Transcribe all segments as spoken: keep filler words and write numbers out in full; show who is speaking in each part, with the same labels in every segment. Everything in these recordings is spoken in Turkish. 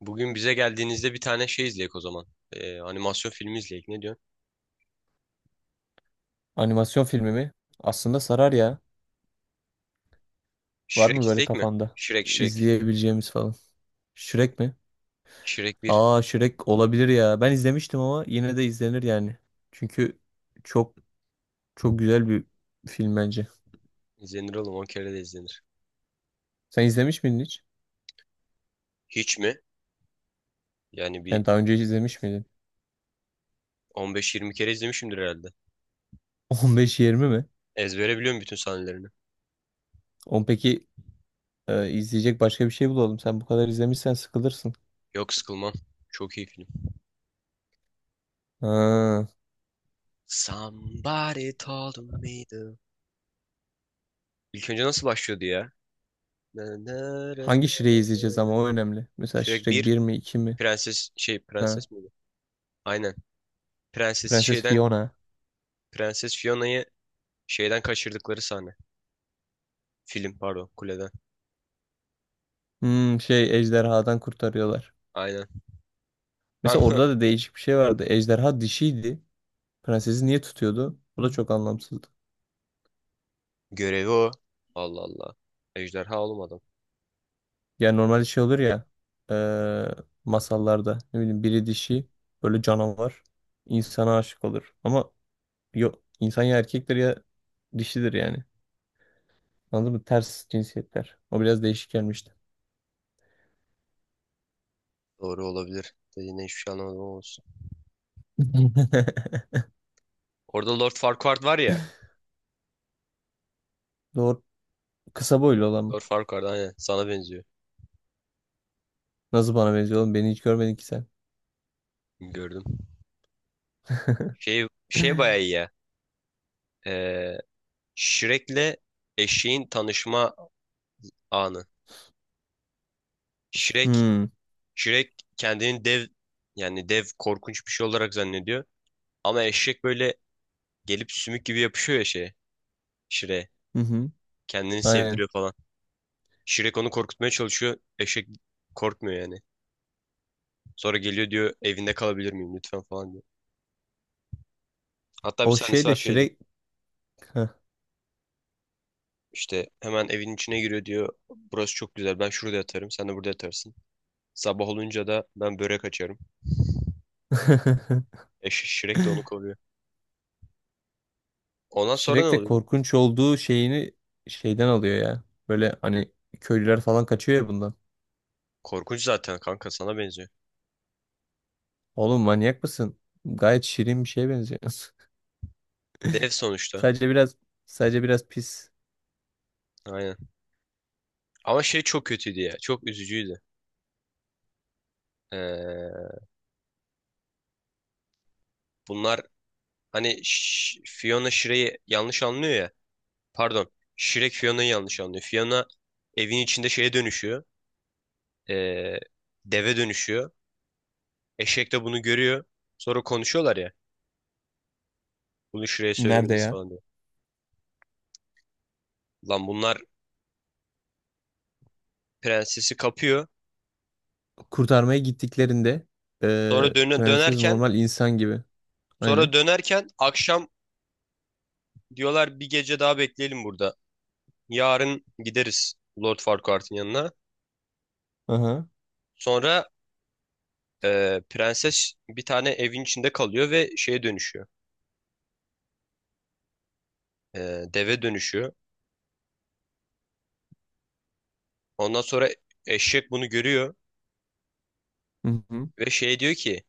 Speaker 1: Bugün bize geldiğinizde bir tane şey izleyek o zaman. Ee, animasyon filmi izleyek. Ne diyorsun?
Speaker 2: Animasyon filmi mi? Aslında sarar ya. Var
Speaker 1: Shrek
Speaker 2: mı böyle
Speaker 1: izleyek mi?
Speaker 2: kafanda,
Speaker 1: Shrek Shrek.
Speaker 2: izleyebileceğimiz falan? Shrek mi?
Speaker 1: Shrek bir.
Speaker 2: Aa, Shrek olabilir ya. Ben izlemiştim ama yine de izlenir yani. Çünkü çok çok güzel bir film bence.
Speaker 1: İzlenir oğlum. On kere de izlenir.
Speaker 2: Sen izlemiş miydin hiç?
Speaker 1: Hiç mi? Yani bir
Speaker 2: Yani daha önce hiç izlemiş miydin?
Speaker 1: on beş yirmi kere izlemişimdir herhalde.
Speaker 2: on beş yirmi mi?
Speaker 1: Ezbere biliyorum bütün sahnelerini.
Speaker 2: On peki. e, izleyecek başka bir şey bulalım. Sen bu kadar izlemişsen sıkılırsın.
Speaker 1: Yok, sıkılmam. Çok iyi film.
Speaker 2: Ha.
Speaker 1: Somebody told me the... İlk önce nasıl başlıyordu ya? Na, na, ra, na,
Speaker 2: Hangi Shrek'i izleyeceğiz,
Speaker 1: ra,
Speaker 2: ama
Speaker 1: ra.
Speaker 2: o önemli. Mesela
Speaker 1: Shrek
Speaker 2: Shrek
Speaker 1: bir.
Speaker 2: bir mi, iki mi?
Speaker 1: Prenses şey,
Speaker 2: Ha.
Speaker 1: prenses miydi? Aynen. Prenses
Speaker 2: Prenses
Speaker 1: şeyden,
Speaker 2: Fiona.
Speaker 1: Prenses Fiona'yı şeyden kaçırdıkları sahne. Film pardon, kuleden.
Speaker 2: Hmm, şey, ejderhadan kurtarıyorlar.
Speaker 1: Aynen.
Speaker 2: Mesela orada da değişik bir şey vardı. Ejderha dişiydi. Prensesi niye tutuyordu? Bu da çok anlamsızdı.
Speaker 1: Görevi o. Allah Allah. Ejderha olmadım.
Speaker 2: Yani normalde şey olur ya, eee, masallarda, ne bileyim, biri dişi böyle canavar insana aşık olur. Ama yok, insan ya erkektir ya dişidir yani. Anladın mı? Ters cinsiyetler. O biraz değişik gelmişti.
Speaker 1: Doğru olabilir. Dediğine hiçbir şey anlamadım ama olsun. Orada Lord Farquaad var ya.
Speaker 2: Doğru. Kısa boylu olan mı?
Speaker 1: Lord Farquaad, aynen. Sana benziyor.
Speaker 2: Nasıl bana benziyor oğlum? Beni hiç görmedin ki sen.
Speaker 1: Gördüm. Şey, şey bayağı iyi ya. Ee, Shrek'le eşeğin tanışma anı. Shrek,
Speaker 2: Hmm.
Speaker 1: Shrek kendini dev, yani dev korkunç bir şey olarak zannediyor. Ama eşek böyle gelip sümük gibi yapışıyor ya şeye. Shrek'e.
Speaker 2: Hı hı.
Speaker 1: Kendini
Speaker 2: Aynen.
Speaker 1: sevdiriyor falan. Shrek onu korkutmaya çalışıyor. Eşek korkmuyor yani. Sonra geliyor diyor, evinde kalabilir miyim lütfen falan diyor. Hatta bir
Speaker 2: O şey
Speaker 1: sahnesi
Speaker 2: de
Speaker 1: var, şey diyor.
Speaker 2: Shrek.
Speaker 1: İşte hemen evin içine giriyor, diyor, burası çok güzel, ben şurada yatarım sen de burada yatarsın. Sabah olunca da ben börek açarım. Eş Shrek de onu koruyor. Ondan sonra ne
Speaker 2: Shrek de
Speaker 1: oluyor?
Speaker 2: korkunç olduğu şeyini şeyden alıyor ya. Böyle hani köylüler falan kaçıyor ya bundan.
Speaker 1: Korkunç zaten kanka, sana benziyor.
Speaker 2: Oğlum, manyak mısın? Gayet şirin bir şeye benziyor.
Speaker 1: Dev sonuçta.
Speaker 2: Sadece biraz Sadece biraz pis.
Speaker 1: Aynen. Ama şey çok kötüydü ya. Çok üzücüydü. Ee, bunlar hani Ş- Fiona Shrek'i yanlış anlıyor ya. Pardon. Shrek Fiona'yı yanlış anlıyor. Fiona evin içinde şeye dönüşüyor. Ee, deve dönüşüyor. Eşek de bunu görüyor. Sonra konuşuyorlar ya. Bunu Shrek'e
Speaker 2: Nerede
Speaker 1: söylemeliyiz
Speaker 2: ya?
Speaker 1: falan diyor. Lan bunlar prensesi kapıyor.
Speaker 2: Kurtarmaya gittiklerinde eee,
Speaker 1: Sonra döne-
Speaker 2: prenses
Speaker 1: dönerken,
Speaker 2: normal insan gibi.
Speaker 1: sonra
Speaker 2: Aynen.
Speaker 1: dönerken akşam diyorlar, bir gece daha bekleyelim burada. Yarın gideriz Lord Farquaad'ın yanına.
Speaker 2: Aha.
Speaker 1: Sonra ee, prenses bir tane evin içinde kalıyor ve şeye dönüşüyor. Ee, deve dönüşüyor. Ondan sonra eşek bunu görüyor.
Speaker 2: Hı hı.
Speaker 1: Ve şey diyor ki,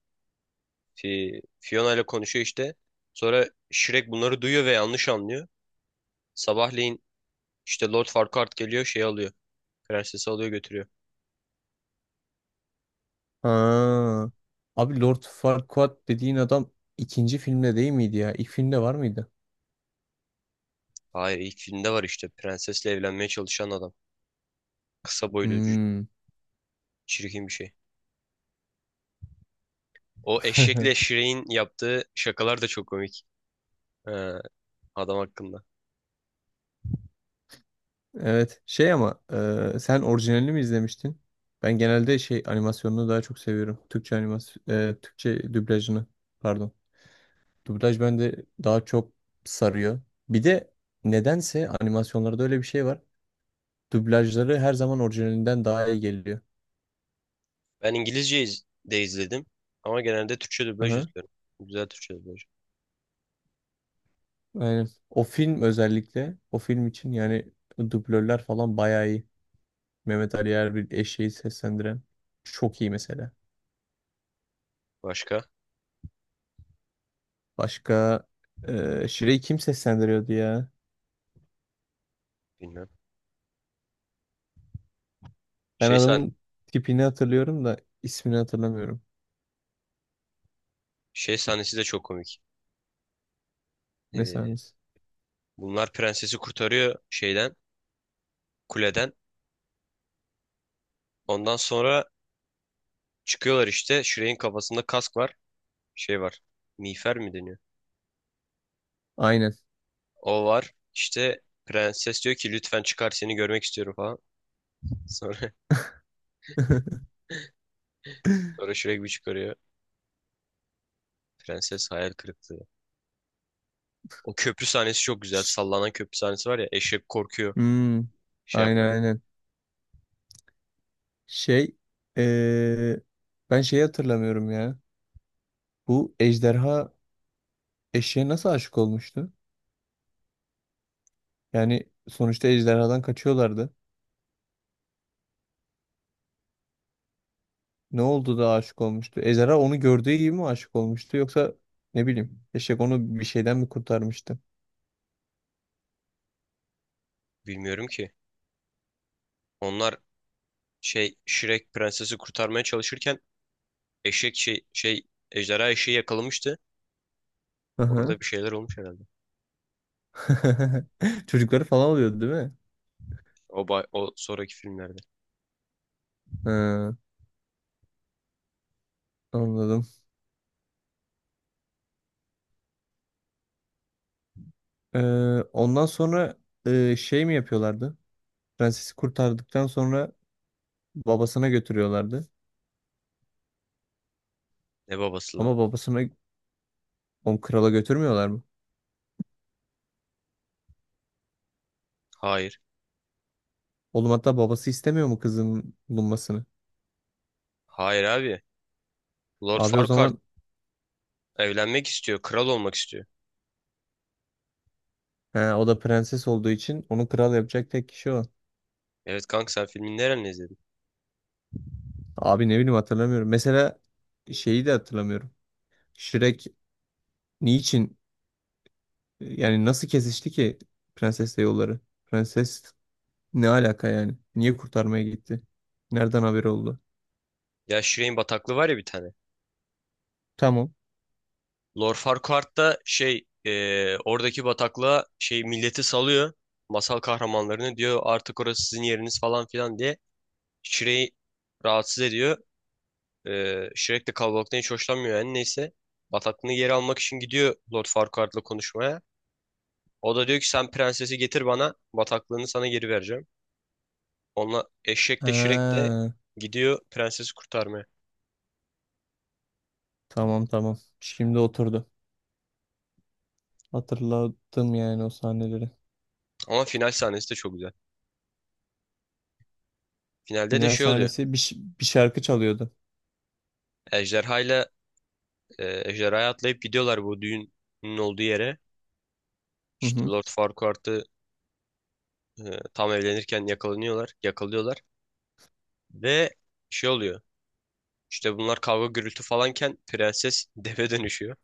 Speaker 1: Fi- Fiona ile konuşuyor işte. Sonra Shrek bunları duyuyor ve yanlış anlıyor. Sabahleyin işte Lord Farquaad geliyor, şey alıyor. Prensesi alıyor, götürüyor.
Speaker 2: Ha. Abi, Lord Farquaad dediğin adam ikinci filmde değil miydi ya? İlk filmde var mıydı?
Speaker 1: Hayır, ilk filmde var işte, prensesle evlenmeye çalışan adam. Kısa boylu, cü-
Speaker 2: Hmm.
Speaker 1: çirkin bir şey. O eşekle Shrek'in yaptığı şakalar da çok komik. Ee, adam hakkında.
Speaker 2: Evet. Şey ama e, sen orijinalini mi izlemiştin? Ben genelde şey animasyonunu daha çok seviyorum. Türkçe animasyon, e, Türkçe dublajını. Pardon. Dublaj bende daha çok sarıyor. Bir de nedense animasyonlarda öyle bir şey var. Dublajları her zaman orijinalinden daha iyi geliyor.
Speaker 1: Ben İngilizce iz- de izledim. Ama genelde Türkçe dublaj
Speaker 2: Aha,
Speaker 1: izliyorum. Güzel Türkçe dublaj.
Speaker 2: aynen. O film özellikle, o film için yani dublörler falan bayağı iyi. Mehmet Ali Erbil, eşeği seslendiren, çok iyi mesela.
Speaker 1: Başka?
Speaker 2: Başka e, Şire'yi kim seslendiriyordu ya?
Speaker 1: Bilmem.
Speaker 2: Ben
Speaker 1: Şey, sahn
Speaker 2: adamın tipini hatırlıyorum da ismini hatırlamıyorum.
Speaker 1: şey sahnesi de çok komik.
Speaker 2: Ne
Speaker 1: Ee,
Speaker 2: sahnesi?
Speaker 1: Bunlar prensesi kurtarıyor şeyden, kuleden. Ondan sonra çıkıyorlar işte. Shrek'in kafasında kask var. Şey var. Miğfer mi deniyor?
Speaker 2: Aynen.
Speaker 1: O var. İşte prenses diyor ki, lütfen çıkar, seni görmek istiyorum falan. Sonra, sonra Shrek bir çıkarıyor. Prenses hayal kırıklığı. O köprü sahnesi çok güzel. Sallanan köprü sahnesi var ya. Eşek korkuyor.
Speaker 2: Hmm,
Speaker 1: Şey
Speaker 2: aynen
Speaker 1: yapma.
Speaker 2: aynen. Şey, eee, ben şeyi hatırlamıyorum ya. Bu ejderha eşeğe nasıl aşık olmuştu? Yani sonuçta ejderhadan kaçıyorlardı. Ne oldu da aşık olmuştu? Ejderha onu gördüğü gibi mi aşık olmuştu? Yoksa, ne bileyim, eşek onu bir şeyden mi kurtarmıştı?
Speaker 1: Bilmiyorum ki. Onlar şey, Shrek prensesi kurtarmaya çalışırken eşek şey şey ejderha eşeği yakalamıştı. Orada bir şeyler olmuş herhalde.
Speaker 2: Çocukları falan oluyordu değil mi?
Speaker 1: O, ba- o sonraki filmlerde.
Speaker 2: Ha, anladım. Ee, ondan sonra e, şey mi yapıyorlardı? Prensesi kurtardıktan sonra babasına götürüyorlardı.
Speaker 1: Ne babası lan?
Speaker 2: Ama babasına, onu krala götürmüyorlar mı?
Speaker 1: Hayır.
Speaker 2: Oğlum, hatta babası istemiyor mu kızın bulunmasını?
Speaker 1: Hayır abi. Lord
Speaker 2: Abi, o
Speaker 1: Farquaad
Speaker 2: zaman
Speaker 1: evlenmek istiyor. Kral olmak istiyor.
Speaker 2: he, o da prenses olduğu için onu kral yapacak tek kişi o.
Speaker 1: Evet kanka, sen filmin nereden izledin?
Speaker 2: Abi, ne bileyim, hatırlamıyorum. Mesela şeyi de hatırlamıyorum. Shrek niçin, yani nasıl kesişti ki prensesle yolları? Prenses. Ne alaka yani? Niye kurtarmaya gitti? Nereden haberi oldu?
Speaker 1: Ya Shireen bataklığı var ya bir tane.
Speaker 2: Tamam.
Speaker 1: Lord Farquaad da şey, eee, oradaki bataklığa şey milleti salıyor. Masal kahramanlarını, diyor artık orası sizin yeriniz falan filan diye. Shrek'i rahatsız ediyor. Eee Shrek de kalabalıktan hiç hoşlanmıyor, yani neyse. Bataklığını geri almak için gidiyor Lord Farquaad'la konuşmaya. O da diyor ki, sen prensesi getir bana, bataklığını sana geri vereceğim. Onunla eşek de, Şirek de
Speaker 2: Ha,
Speaker 1: gidiyor prensesi kurtarmaya.
Speaker 2: tamam tamam. Şimdi oturdu. Hatırladım yani o sahneleri.
Speaker 1: Ama final sahnesi de çok güzel. Finalde de
Speaker 2: Final
Speaker 1: şey oluyor.
Speaker 2: sahnesi bir, ş- bir şarkı çalıyordu.
Speaker 1: Ejderhayla e, ejderhaya atlayıp gidiyorlar bu düğünün olduğu yere.
Speaker 2: Hı
Speaker 1: İşte
Speaker 2: hı.
Speaker 1: Lord Farquaad'ı e, tam evlenirken yakalanıyorlar, yakalıyorlar ve şey oluyor. İşte bunlar kavga gürültü falanken prenses deve dönüşüyor.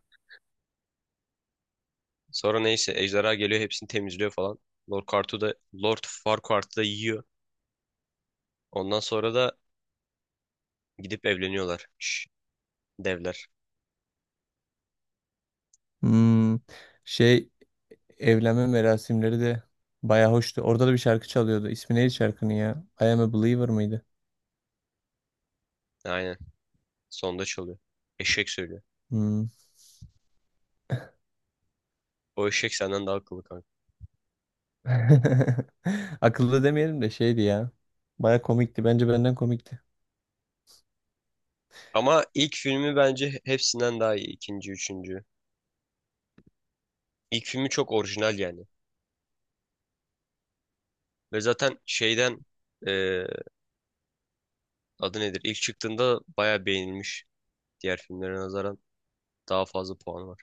Speaker 1: Sonra neyse ejderha geliyor hepsini temizliyor falan. Lord Farquaad'ı da Lord Farquaad'ı da yiyor. Ondan sonra da gidip evleniyorlar. Şş, devler.
Speaker 2: Hmm, şey, evlenme merasimleri de baya hoştu. Orada da bir şarkı çalıyordu. İsmi neydi şarkının ya? I am a believer mıydı?
Speaker 1: Aynen. Sonda çalıyor. Eşek söylüyor.
Speaker 2: Hmm.
Speaker 1: O eşek senden daha akıllı kanka.
Speaker 2: Akıllı demeyelim de şeydi ya. Baya komikti. Bence benden komikti.
Speaker 1: Ama ilk filmi bence hepsinden daha iyi. İkinci, üçüncü. İlk filmi çok orijinal yani. Ve zaten şeyden e, adı nedir? İlk çıktığında bayağı beğenilmiş. Diğer filmlere nazaran daha fazla puanı var.